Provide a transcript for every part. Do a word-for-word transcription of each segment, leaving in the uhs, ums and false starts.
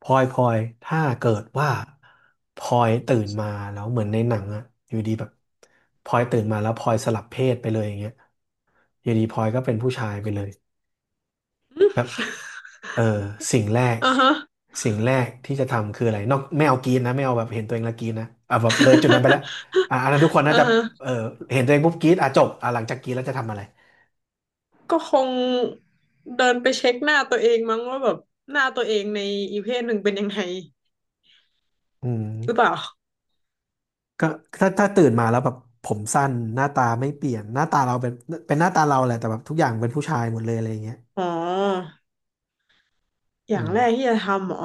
พลอยพลอยถ้าเกิดว่าพลอยตื่นมาแล้วเหมือนในหนังอะอยู่ดีแบบพลอยตื่นมาแล้วพลอยสลับเพศไปเลยอย่างเงี้ยอยู่ดีพลอยก็เป็นผู้ชายไปเลยแบบเออสิ่งแรกอ่าฮะ สิ่งแรกที่จะทำคืออะไรนอกไม่เอากรีดนะไม่เอาแบบเห็นตัวเองแล้วกรีดนะอ่ะแบบเลยจุดนั้นไปแล้ว อ่ะอันนั้นทุกคนน่าอ่าจะฮะ เออเห็นตัวเองปุ๊บกรีดอ่ะจบอ่ะหลังจากกรีดแล้วจะทำอะไร ก็คงเดินไปเช็คหน้าตัวเองมั้งว่าแบบหน้าตัวเองในอีกเพศหนึ่งเป็นยังไงอืหรือเปมล่าก็ถ้าถ้าตื่นมาแล้วแบบผมสั้นหน้าตาไม่เปลี่ยนหน้าตาเราเป็นเป็นหน้าตาเราแหละแต่แบบทุกอย่างเป็นผู้ชายหมดเลยอะไรอย่างเงี้ย อ๋ออย่าอืงมแรกที่จะทำเหรอ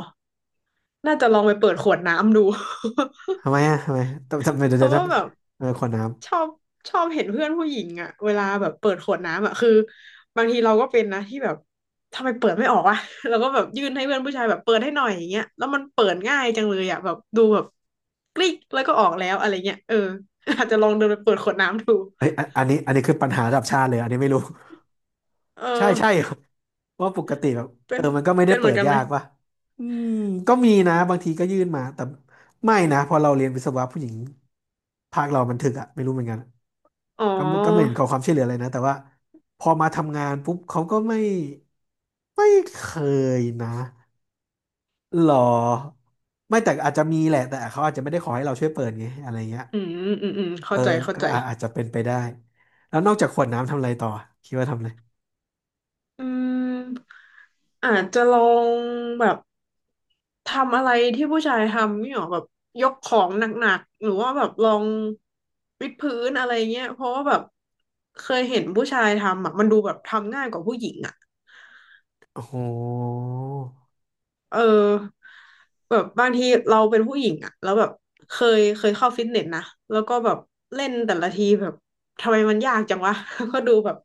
น่าจะลองไปเปิดขวดน้ำดู ทำไมอ่ะทำไมต้องทำไมเดี๋ยเพวจะราะทว่าแบบำเออขวดน้ชอบชอบเห็นเพื่อนผู้หญิงอะเวลาแบบเปิดขวดน้ำอะคือบางทีเราก็เป็นนะที่แบบทำไมเปิดไม่ออกวะ เราก็แบบยื่นให้เพื่อนผู้ชายแบบเปิดให้หน่อยอย่างเงี้ยแล้วมันเปิดง่ายจังเลยอะแบบดูแบบกริ๊กแล้วก็ออกแล้วอะไรเงี้ยเออ อาจจะลองเดินไปเปิดขวดน้ำดู ำเอ้ยอันอันนี้อันนี้คือปัญหาระดับชาติเลยอันนี้ไม่รู้ ใช่เออใช่ ว่าะปกติแบบเป็เออนมันก็ไม่ได้เป็นเหเปิมือนดกันไหมยากป่ะอืมก็มีนะบางทีก็ยื่นมาแต่ไม่นะพอเราเรียนวิศวะผู้หญิงภาคเรามันถึกอะไม่รู้เหมือนกันอ๋อก็ไม่ก็ไม่เห็นขอความช่วยเหลืออะไรนะแต่ว่าพอมาทำงานปุ๊บเขาก็ไม่ไม่เคยนะหรอไม่แต่อาจจะมีแหละแต่เขาอาจจะไม่ได้ขอให้เราช่วยเปิดไงอะไรเงี้ย อืมอืมอืมเอเข้าอใจเข้าก็ใจ อาอาจจะเป็นไปได้แล้วนอกจากขวดน้ำทำอะไรต่อคิดว่าทำอะไรอืมอาจจะลองแบบทำอะไรที่ผู้ชายทำนี่หรอแบบยกของหนักๆหรือว่าแบบลองวิดพื้นอะไรเงี้ยเพราะว่าแบบเคยเห็นผู้ชายทำอ่ะมันดูแบบทำง่ายกว่าผู้หญิงอ่ะ โอ้โหเออแบบบางทีเราเป็นผู้หญิงอะแล้วแบบเคยเคยเข้าฟิตเนสนะแล้วก็แบบเล่นแต่ละทีแบบทำไมมันยากจังวะ ก็ดูแบบ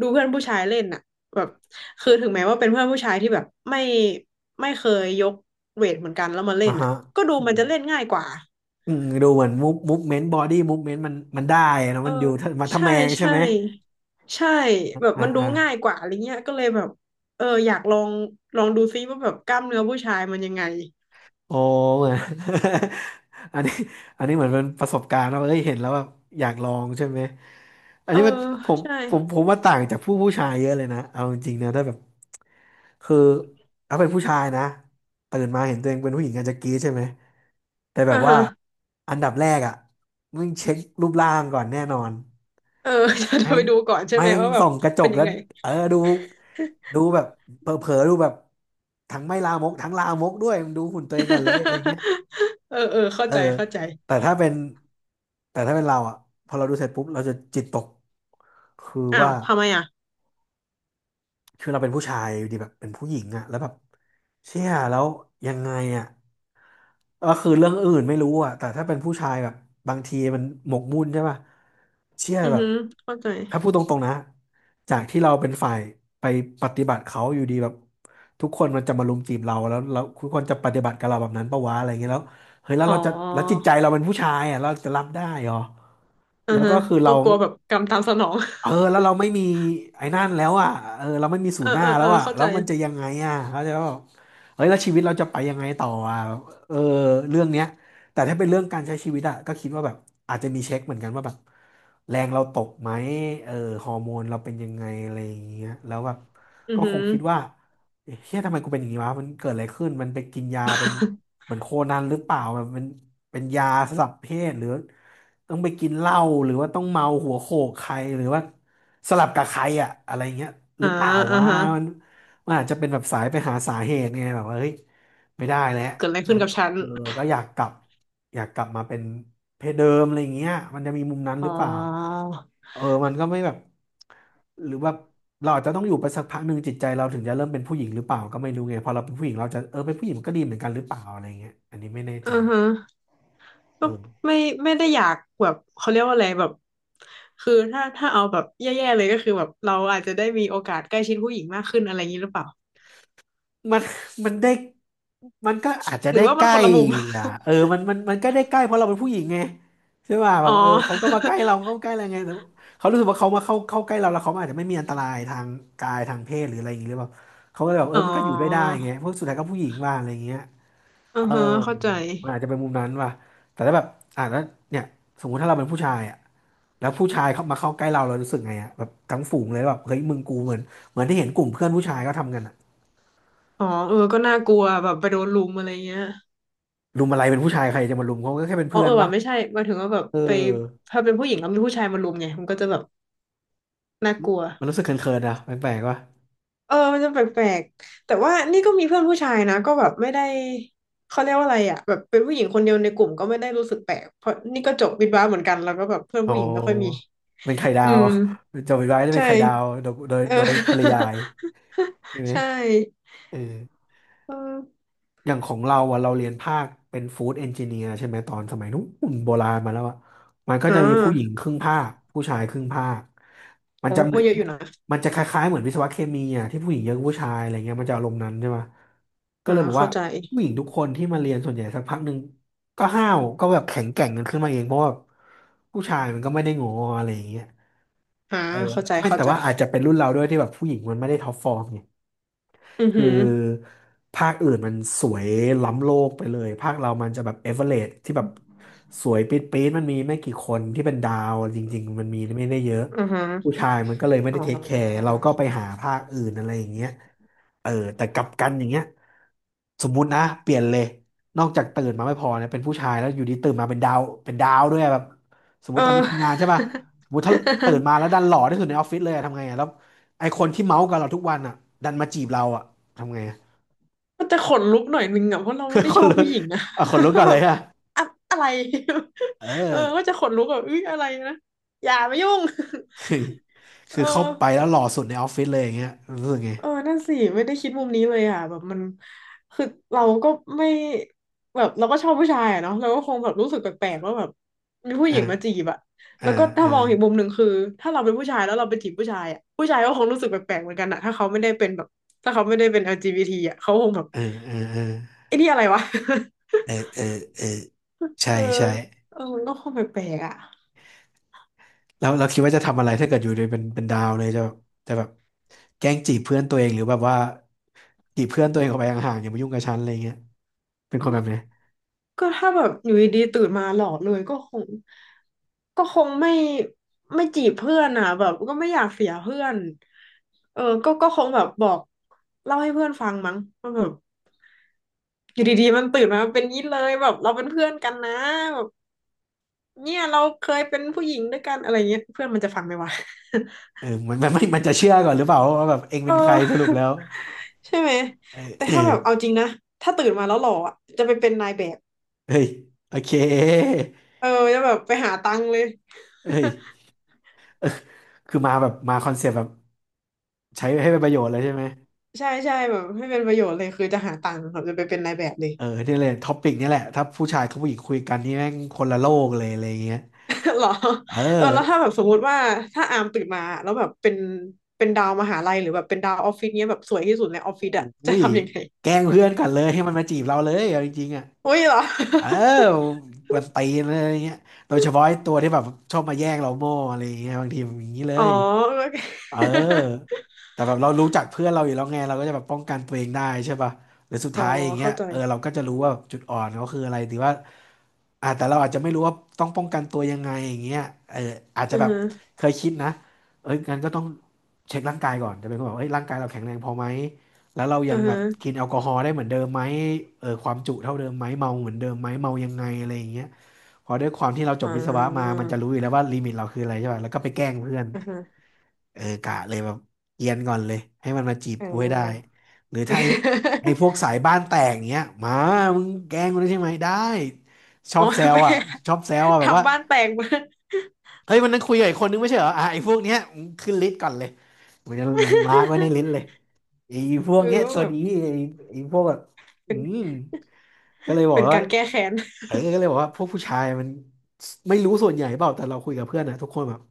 ดูเพื่อนผู้ชายเล่นอะแบบคือถึงแม้ว่าเป็นเพื่อนผู้ชายที่แบบไม่ไม่เคยยกเวทเหมือนกันแล้วมาเล่อ่ะนอะฮะก็ดูอืมันมจะเล่นง่ายกว่าอืมดูเหมือนมูฟมูฟเมนต์บอดี้มูฟเมนต์มันมันได้นะเออมันอยู่ถ้ามาทำใช่แมงใช่ใช่ไหมใช่แบบอ่ามันดูอ่า ง่ายกว่าอะไรเงี้ยก็เลยแบบเอออยากลองลองดูซิว่าแบบกล้ามเนื้อผู้ชายมันยังไงโอ้เหมือน อันนี้อันนี้เหมือนเป็นประสบการณ์ว่าเอ้ยเห็นแล้วแบบอยากลองใช่ไหมอันเออนี้มันผมใช่ผมผมว่าต่างจากผู้ผู้ชายเยอะเลยนะเอาจริงๆนะถ้าแบบคือถ้าเป็นผู้ชายนะตื่นมาเห็นตัวเองเป็นผู้หญิงอาจจะกรี๊ดใช่ไหมแต่แบอ่าบว่าฮะ อันดับแรกอ่ะมึงเช็ครูปร่างก่อนแน่นอนเออ แม่จะไปงดูก่อนใช่แม่ไหมงว่าแบส่บองกระจเป็กนยัแล้งวไง เออดูดูแบบเผลอๆดูแบบทั้งไม่ลามกทั้งลามกด้วยมึงดูหุ่นตัวเองก่อนเลยอะไรเงี้ย เออเออเข้าเออใจเข้าใจแต่ถ้าเป็นแต่ถ้าเป็นเราอ่ะพอเราดูเสร็จปุ๊บเราจะจิตตกคืออ้าว่า วทำไมอ่ะคือเราเป็นผู้ชายอยู่ดีแบบเป็นผู้หญิงอะแล้วแบบเชี่ยแล้วยังไงอะก็คือเรื่องอื่นไม่รู้อะแต่ถ้าเป็นผู้ชายแบบบางทีมันหมกมุ่นใช่ป่ะเชี่ยอือแบบฮึเข้าใจถ้าพูดตรงๆนะจากที่เราเป็นฝ่ายไปปฏิบัติเขาอยู่ดีแบบทุกคนมันจะมารุมจีบเราแล้วแล้วทุกคนจะปฏิบัติกับเราแบบนั้นปะวะอะไรเงี้ยแล้วเฮ้ยแล้วอ๋อเราจะแล้วจิตใจเราเป็นผู้ชายอะเราจะรับได้เหรออือแล้วฮะก็คือก็เรา กลัวแบบกรรมตามสนอง เออแล้ว เราไม่มีไอ้นั่นแล้วอ่ะเออเราไม่มีศูเออนย์หน้าเออแล้เอวออ่ะเข้าแล้ใจวมันจะยังไงอ่ะเขาใจปะบอกเฮ้ยแล้วชีวิตเราจะไปยังไงต่ออ่ะเออเรื่องเนี้ยแต่ถ้าเป็นเรื่องการใช้ชีวิตอ่ะก็คิดว่าแบบอาจจะมีเช็คเหมือนกันว่าแบบแรงเราตกไหมเออฮอร์โมนเราเป็นยังไงอะไรอย่างเงี้ยแล้วแบบอือก็คฮึงคิดว่าเอ๊ะเฮียทำไมกูเป็นอย่างนี้วะมันเกิดอะไรขึ้นมันไปกินยาเป็นเหมือนโคนันหรือเปล่าแบบมันเป็นยาสลับเพศหรือ ต้องไปกินเหล้าหรือว่าต้องเมาหัวโขกใครหรือว่าสลับกับใครอะอะไรเงี้ยหอ่ารือเปล่าอ่าวะฮะมันมันอาจจะเป็นแบบสายไปหาสาเหตุไงแบบว่าเฮ้ยไม่ได้แล้วเกิดอะไรฉัขึ้นนกับฉันเออก็อยากกลับอยากกลับมาเป็นเพศเดิมอะไรเงี้ยมันจะมีมุมนั้นอ๋หรืออเปล่าเออมันก็ไม่แบบหรือว่าเราอาจจะต้องอยู่ไปสักพักหนึ่งจิตใจเราถึงจะเริ่มเป็นผู้หญิงหรือเปล่าก็ไม่รู้ไงพอเราเป็นผู้หญิงเราจะเออเป็นผู้หญิงมันก็ดีเหมือนกันหรือเปล่าอะไรเงี้ยอันนี้ไม่แน่อืใจอฮะเอก็อ ไม่ไม่ได้อยากแบบเขาเรียกว่าอะไรแบบคือถ้าถ้าเอาแบบแย่ๆเลยก็คือแบบเราอาจจะได้มีโอกาสใกล้ชิดผู้หญิงมากขึ้นอะไรอย่างนี้หรือเปล่ามัน มันได้มันก็อาจจะหรืได้อว่าใกมันล้คนละมุม อ่ะ เออมันมันมันก็ได้ใกล้เพราะเราเป็นผู้หญิงไงใช่ป่ะแบอ๋บอ เออเขาก็มาใกล้เราเขาใกล้อะไรไงแต่เขารู้สึกว่าเขามาเข้าเข้าใกล้เราแล้วเขาอาจจะไม่มีอันตรายทางกายทางเพศหรืออะไรอย่างเงี้ยหรือเปล่าเขาก็เลยแบบเออ๋ออมันก็อยู่ด้วยได้ไงเพราะสุดท้ายก็ผู้หญิงว่าอะไรอย่างเงี้ยอืเอออฮะเข้าใจ มันอาจจะเป็นมุมนั้นว่ะแต่ถ้าแบบอ่านแล้วเนี่ยสมมุติถ้าเราเป็นผู้ชายอ่ะแล้วผู้ชายเข้ามาเข้าใกล้เราเรารู้สึกไงอ่ะแบบทั้งฝูงเลยแบบเฮ้ยมึงกูเหมือนเหมือนที่เห็นกลุ่มเพื่อนผู้ชายก็ทำกันอะ อ๋อเออก็น่ากลัวแบบไปโดนลุมอะไรเงี้ยรุมอะไรเป็นผู้ชายใครจะมารุมเขาก็แค่เป็นอ๋อเพื่อเอนอปะว่ะไม่ใช่หมายถึงว่าแบบเไปออถ้าเป็นผู้หญิงแล้วมีผู้ชายมาลุมไงมันก็จะแบบน่ากลัวมันรู้สึกเขินๆนะแปลกๆปะเออมันจะแปลกๆแต่ว่านี่ก็มีเพื่อนผู้ชายนะก็แบบไม่ได้เขาเรียกว่าอะไรอ่ะแบบเป็นผู้หญิงคนเดียวในกลุ่มก็ไม่ได้รู้สึกแปลกเพราะนี่ก็จบวิทย์วะเหมือนกันแล้วก็แบบเพื่อนอ๋ผู้อหญิงไม่ค่อยมีเป็นไข่ดาอืว ม โจมิไว้จะเป็นใช่ไข่ดาวโดยโดยเออ โดยปริยายใช่ ไหมใช่เออ เอออย่างของเราอ่ะเราเรียนภาคเป็นฟู้ดเอนจิเนียร์ใช่ไหมตอนสมัยนู้นโบราณมาแล้วอ่ะมันก็อ่จะมีผู้หญิงาครึ่งภาคผู้ชายครึ่งภาคมันโอ้จะเหมืก็อนเยอะอยู่นะมันจะคล้ายๆเหมือนวิศวะเคมีอ่ะที่ผู้หญิงเยอะกว่าผู้ชายอะไรเงี้ยมันจะอารมณ์นั้นใช่ไหมก็อ่าเลยบอกเข้าว่าใจ ผู้หญิงทุกคนที่มาเรียนส่วนใหญ่สักพักหนึ่งก็ห้าวก็แบบแข็งแกร่งกันขึ้นมาเองเพราะว่าผู้ชายมันก็ไม่ได้งออะไรอย่างเงี้ยอ่าเออเข้าใจไม่เข้าแต่ใจ ว่าอาจจะเป็นรุ่นเราด้วยที่แบบผู้หญิงมันไม่ได้ท็อปฟอร์มไง อือหืคืออภาคอื่นมันสวยล้ำโลกไปเลยภาคเรามันจะแบบเอเวอเรสที่แบบสวยปี๊ดปี๊ดมันมีไม่กี่คนที่เป็นดาวจริงๆมันมีไม่ได้เยอะอือหือผู้ชายมันก็เลยไม่อ๋ได้อเทคแคร์เราก็ไปหาภาคอื่นอะไรอย่างเงี้ยเออแต่กลับกันอย่างเงี้ยสมมุตินะเปลี่ยนเลยนอกจากตื่นมาไม่พอเนี่ยเป็นผู้ชายแล้วอยู่ดีตื่นมาเป็นดาวเป็นดาวด้วยอะแบบสมมเอติตอนนี้ทำงานอ ใช่ป่ะสมมติถ้าตื่นมาแล้วดันหล่อที่สุดในออฟฟิศเลยอะทำไงอะแล้วไอคนที่เมาส์กับเราทุกวันอ่ะดันมาจีบเราอ่ะ ทำไงอะ มันจะขนลุกหน่อยนึงอ่ะเพราะเราไม่ ได้คชนอบลุผู้กหญิงอ่ะ อ่ะคนลุกก่อน แบเลบยอะอะอะไร เอ เออก็อ จะขนลุกแบบอุ้ยอะไรนะอย่ามายุ่ง เออ คือเข้าไปแล้วหล่อสุดในออฟฟิศเลยอย่างเงี้ยรู้สึกไงเออนั่นสิไม่ได้คิดมุมนี้เลยอ่ะแบบมันคือเราก็ไม่แบบเราก็ชอบผู้ชายอะเนาะเราก็คงแบบรู้สึกแปลกๆว่าแบบมีผู้หญิงมาจีอ่าบอะอ่แล้วก็ถ้ามองอีกามุมหนึ่งคือถ้าเราเป็นผู้ชายแล้วเราไปจีบผู้ชายอะผู้ชายก็คงรู้สึกแปลกๆเหมือนกันอะถ้าเขาไม่ได้เป็นแบบถ้าเขาไม่ได้เป็น แอล จี บี ที อลจีบีทีอะเขาคงแบบออเออเออเออไอ้นี่อะไรวะ เออเออเออ ใช่เออใช่เออมันก็คงแปลกๆอะ แล้วเราคิดว่าจะทำอะไรถ้าเกิดอยู่ในเป็นเป็นดาวเลยจะจะแบบแกล้งจีบเพื่อนตัวเองหรือแบบว่าจีบเพื่อนตัวเองออกไปห่างๆอย่ามายุ่งกับฉันอะไรเงี้ยเป็นคนแบบไหนก็ถ้าแบบอยู่ดีๆตื่นมาหล่อเลยก็คงก็คงไม่ไม่จีบเพื่อนอ่ะแบบก็ไม่อยากเสียเพื่อนเออก็ก็คงแบบบอกเล่าให้เพื่อนฟังมั้งมันแบบอยู่ดีๆมันตื่นมาเป็นนี้เลยแบบเราเป็นเพื่อนกันนะแบบเนี่ยเราเคยเป็นผู้หญิงด้วยกันอะไรเงี้ยเพื่อนมันจะฟังไหมวะ เออมันมันไม่มันจะเชื่อก่อนหรือเปล่าว่าแบบเอง เเป็นใครสรุปแล้ออวใช่ไหมเออแต่เออถ้าแบบเอาจริงนะถ้าตื่นมาแล้วหล่ออะจะไปเป็นนายแบบเฮ้ยโอเคเออจะแบบไปหาตังค์เลย เฮ้ย คือมาแบบมาคอนเซปต์แบบใช้ให้เป็นประโยชน์เลยใช่ไหมใช่ใช่แบบให้เป็นประโยชน์เลยคือจะหาตังค์แบบจะไปเป็นนายแบบเลย เออนี่เลยท็อปิกนี่แหละถ้าผู้ชายกับผู้หญิงคุยกันนี่แม่งคนละโลกเลยอะไรเงี้ย เหรอเเออแล้วถ้าออแบบสมมุติว่าถ้าอามตื่นมาแล้วแบบเป็นเป็นดาวมหาลัยหรือแบบเป็นดาวออฟฟิศเนี้ยแบบสวยที่สุดในออฟอฟิศอะจะุ้ยทำยังไงแกล้งเพื่อนกันเลยให้มันมาจีบเราเลยเอาจริงๆอ่ะอุ้ยเหรอ เออกวนตีนเลยอะไรเงี้ยโดยเฉพาะไอ้ตัวที่แบบชอบมาแย่งเราโม่อะไรเงี้ยบางทีมันอย่างนี้เล อ๋อยโอเคเออแต่แบบเรารู้จักเพื่อนเราอยู่แล้วไงเราก็จะแบบป้องกันตัวเองได้ใช่ป่ะหรือสุดอ๋อท้ายอย่างเงี้ยเข้าใจเออเราก็จะรู้ว่าจุดอ่อนเขาคืออะไรหรือว่า อ่าแต่เราอาจจะไม่รู้ว่าต้องป้องกันตัวยังไงอย่างเงี้ยเอออาจจะอือแบบฮะเคยคิดนะเอ้ยงั้นก็ต้องเช็คร่างกายก่อนจะเป็นคนแบบเอ้ยร่างกายเราแข็งแรงพอไหมแล้วเราอืยังอแบฮะบกินแอลกอฮอล์ได้เหมือนเดิมไหมเออความจุเท่าเดิมไหมเมาเหมือนเดิมไหมเมายังไงอะไรอย่างเงี้ยพอด้วยความที่เราจอ่บวิศวะมาามันจะรู้อยู่แล้วว่าลิมิตเราคืออะไรใช่ป่ะแล้วก็ไปแกล้งเพื่อน อือฮะเออกะเลยแบบเอียนก่อนเลยให้มันมาจีบอ่กูให้ได้า หรือถ้าไอ้ไอ้พวก สายบ้านแตกเงี้ยมามึงแกล้งมันใช่ไหมได้ชออ๋อ บแซ วไปอ่ะชอบแซวอ่ะแบบว่าทำบ้านแตกมา เฮ้ยวันนั้นคุยกับอีกคนนึงไม่ใช่เหรออ่ะไอ้พวกเนี้ยมึงขึ้นลิสต์ก่อนเลยมึงจะมาร์กไว้ในลิสต์เลย ไอ้พวเอกอเนี้ยว่าตัแบวบนี้ไอ้ไอ้พวกแบบอืมก็เลยบอเป็กนว่า การแก้แค้น เออก็เลยบอกว่าพวกผู้ชายมันไม่รู้ส่วนใหญ่เปล่าแต่เราคุยกับเพื่อนนะทุกคนแบบ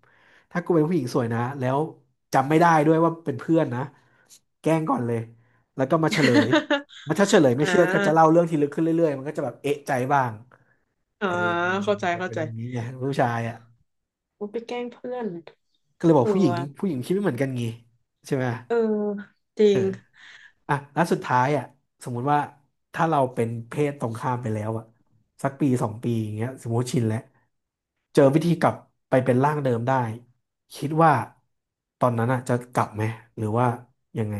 ถ้ากูเป็นผู้หญิงสวยนะแล้วจำไม่ได้ด้วยว่าเป็นเพื่อนนะแกล้งก่อนเลยแล้วก็มาเฉลย มันถ้าเฉลยไม่อ่า เชื่อก็จะเล่าเรื่องที่ลึกขึ้นเรื่อยๆมันก็จะแบบเอะใจบ้างเออ่าอเข้าใจจะเข้าเป็นใจอย่างนี้ไงผู้ชายอ่ะโอ้ไปแกล้งเพื่อนก็เลยบอเอกอผู้หญิงว่ะผู้หญิงคิดไม่เหมือนกันงี้ใช่ไหม เออจริงอ่ะแล้วสุดท้ายอ่ะสมมุติว่าถ้าเราเป็นเพศตรงข้ามไปแล้วอ่ะสักปีสองปีอย่างเงี้ยสมมติชินแล้วเจอวิธีกลับไปเป็นร่างเดิมได้ คิดว่าตอนนั้นอ่ะจะกลับไหมหรือว่ายังไง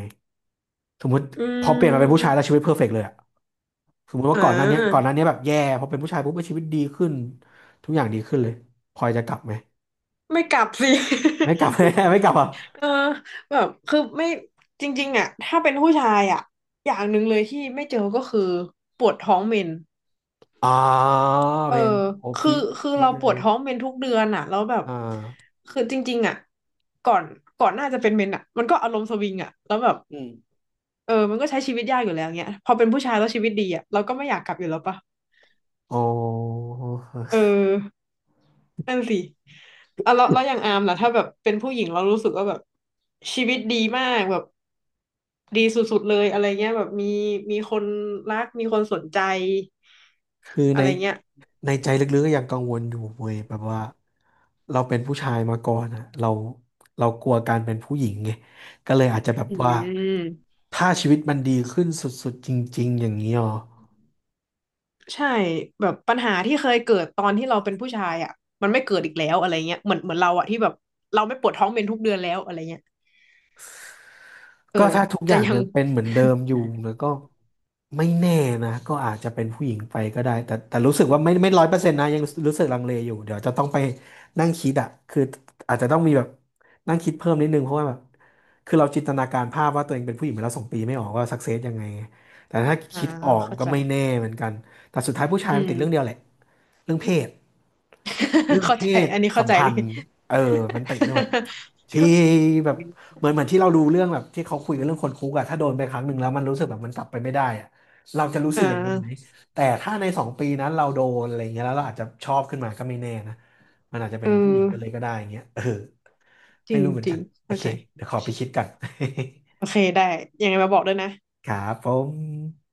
สมมติอืพอเปลี่ยนมาเป็นผู้ชายแล้มวชีวิตเพอร์เฟกต์เลยอ่ะสมมติอ่ว่าก่อนหน้าเนี้ยก่อนหาน้าเนี้ยแบบแย่พอเป็นผู้ชายปุ๊บชีวิตดีขึ้น ทุกอย่างดีขึ้นเลยพลอยจะกลับไหมไม่กลับสิ ไม่กลับ ไม่กลับอ่ะ เออแบบคือไม่จริงๆอ่ะถ้าเป็นผู้ชายอ่ะอย่างหนึ่งเลยที่ไม่เจอก็คือปวดท้องเมนอ่าเอเพอนโอคืพีอคคือพีคเราเลปวยดท้องเมนทุกเดือนอ่ะแล้วแบบอ่าคือจริงๆอ่ะก่อนก่อนหน้าจะเป็นเมนอ่ะมันก็อารมณ์สวิงอ่ะแล้วแบบอืมเออมันก็ใช้ชีวิตยากอยู่แล้วเงี้ยพอเป็นผู้ชายแล้วชีวิตดีอ่ะเราก็ไม่อยากกลับอยู่แล้วปะ อ๋อ เออนั่นสิอ่ะแล้วแล้วอย่างอาร์มล่ะถ้าแบบเป็นผู้หญิงเรารู้สึกว่าแบบชีวิตดีมากแบบดีสุดๆเลยอะไรเงี้ยแบบมีมีคนรักมีคนสนใจคืออะในไรเงี้ยในใจลึกๆก็ยังกังวลอยู่เว้ยแบบว่าเราเป็นผู้ชายมาก่อนอะเราเรากลัวการเป็นผู้หญิงไงก็เลยอาจจะแบบอืว่ามถ้าชีวิตมันดีขึ้นสุดๆจริงๆอย่างนี้หรอ ใช่แบบปัญหาที่เคยเกิดตอนที่เราเป็นผู้ชายอ่ะมันไม่เกิดอีกแล้วอะไรเงี้ยเหมือนเหมือนเราอ่ะที่แบบเราไม่ปวดท้องเป็นทุกเดือนแล้วอะไรเงี้ยเออก็ถ้าทุกอจะย่างยังยังเป็นเหมือนเดิมอยู่แล้วก็ไม่แน่นะก็อาจจะเป็นผู้หญิงไปก็ได้แต่แต่รู้สึกว่าไม่ไม่ร้อยเปอร์เซ็นต์นะยังรู้สึกลังเลอยู่เดี๋ยวจะต้องไปนั่งคิดอะคืออาจจะต้องมีแบบนั่งคิดเพิ่มนิดนึงเพราะว่าแบบคือเราจินตนาการภาพว่าตัวเองเป็นผู้หญิงมาแล้วสองปีไม่ออกว่าสักเซสยังไงแต่ถ้าอ่าคิดออกเข้าก็ใจไม่แน่เหมือนกันแต่สุดท้ายผู้ชายอืมันม ติดเรื่องเดียวแหละเรื่องเพศ เรื่อ งเข้าเพใจศอันนี้สัเข้ามใจพัเลนย ธ์เออมันติดเรื่องแบบ ที่แบบเหมือนเหมือนที่เราดูเรื่องแบบที่เขาคุยกันเรื่องคนคุกอะถ้าโดนไปครั้งหนึ่งแล้วมันรู้สึกแบบมันกลับไปไม่ได้อะเราจะรู้สึอ่กอย่างนั้นไหมา แต่ถ้าในสองปีนั้นเราโดนอะไรเงี้ยแล้วเราอาจจะชอบขึ้นมาก็ไม่แน่นะมันอาจจะเป็เออนผู้หญิงไปเลยก็ได้อย่างเงี้ยเออจไม่ริงรู้เหมือนจริกันงโอเข้าเคใจเดี๋ยวขอไปคิดกัน โอเคได้ยังไงมาบอกด้วยนะ ครับผม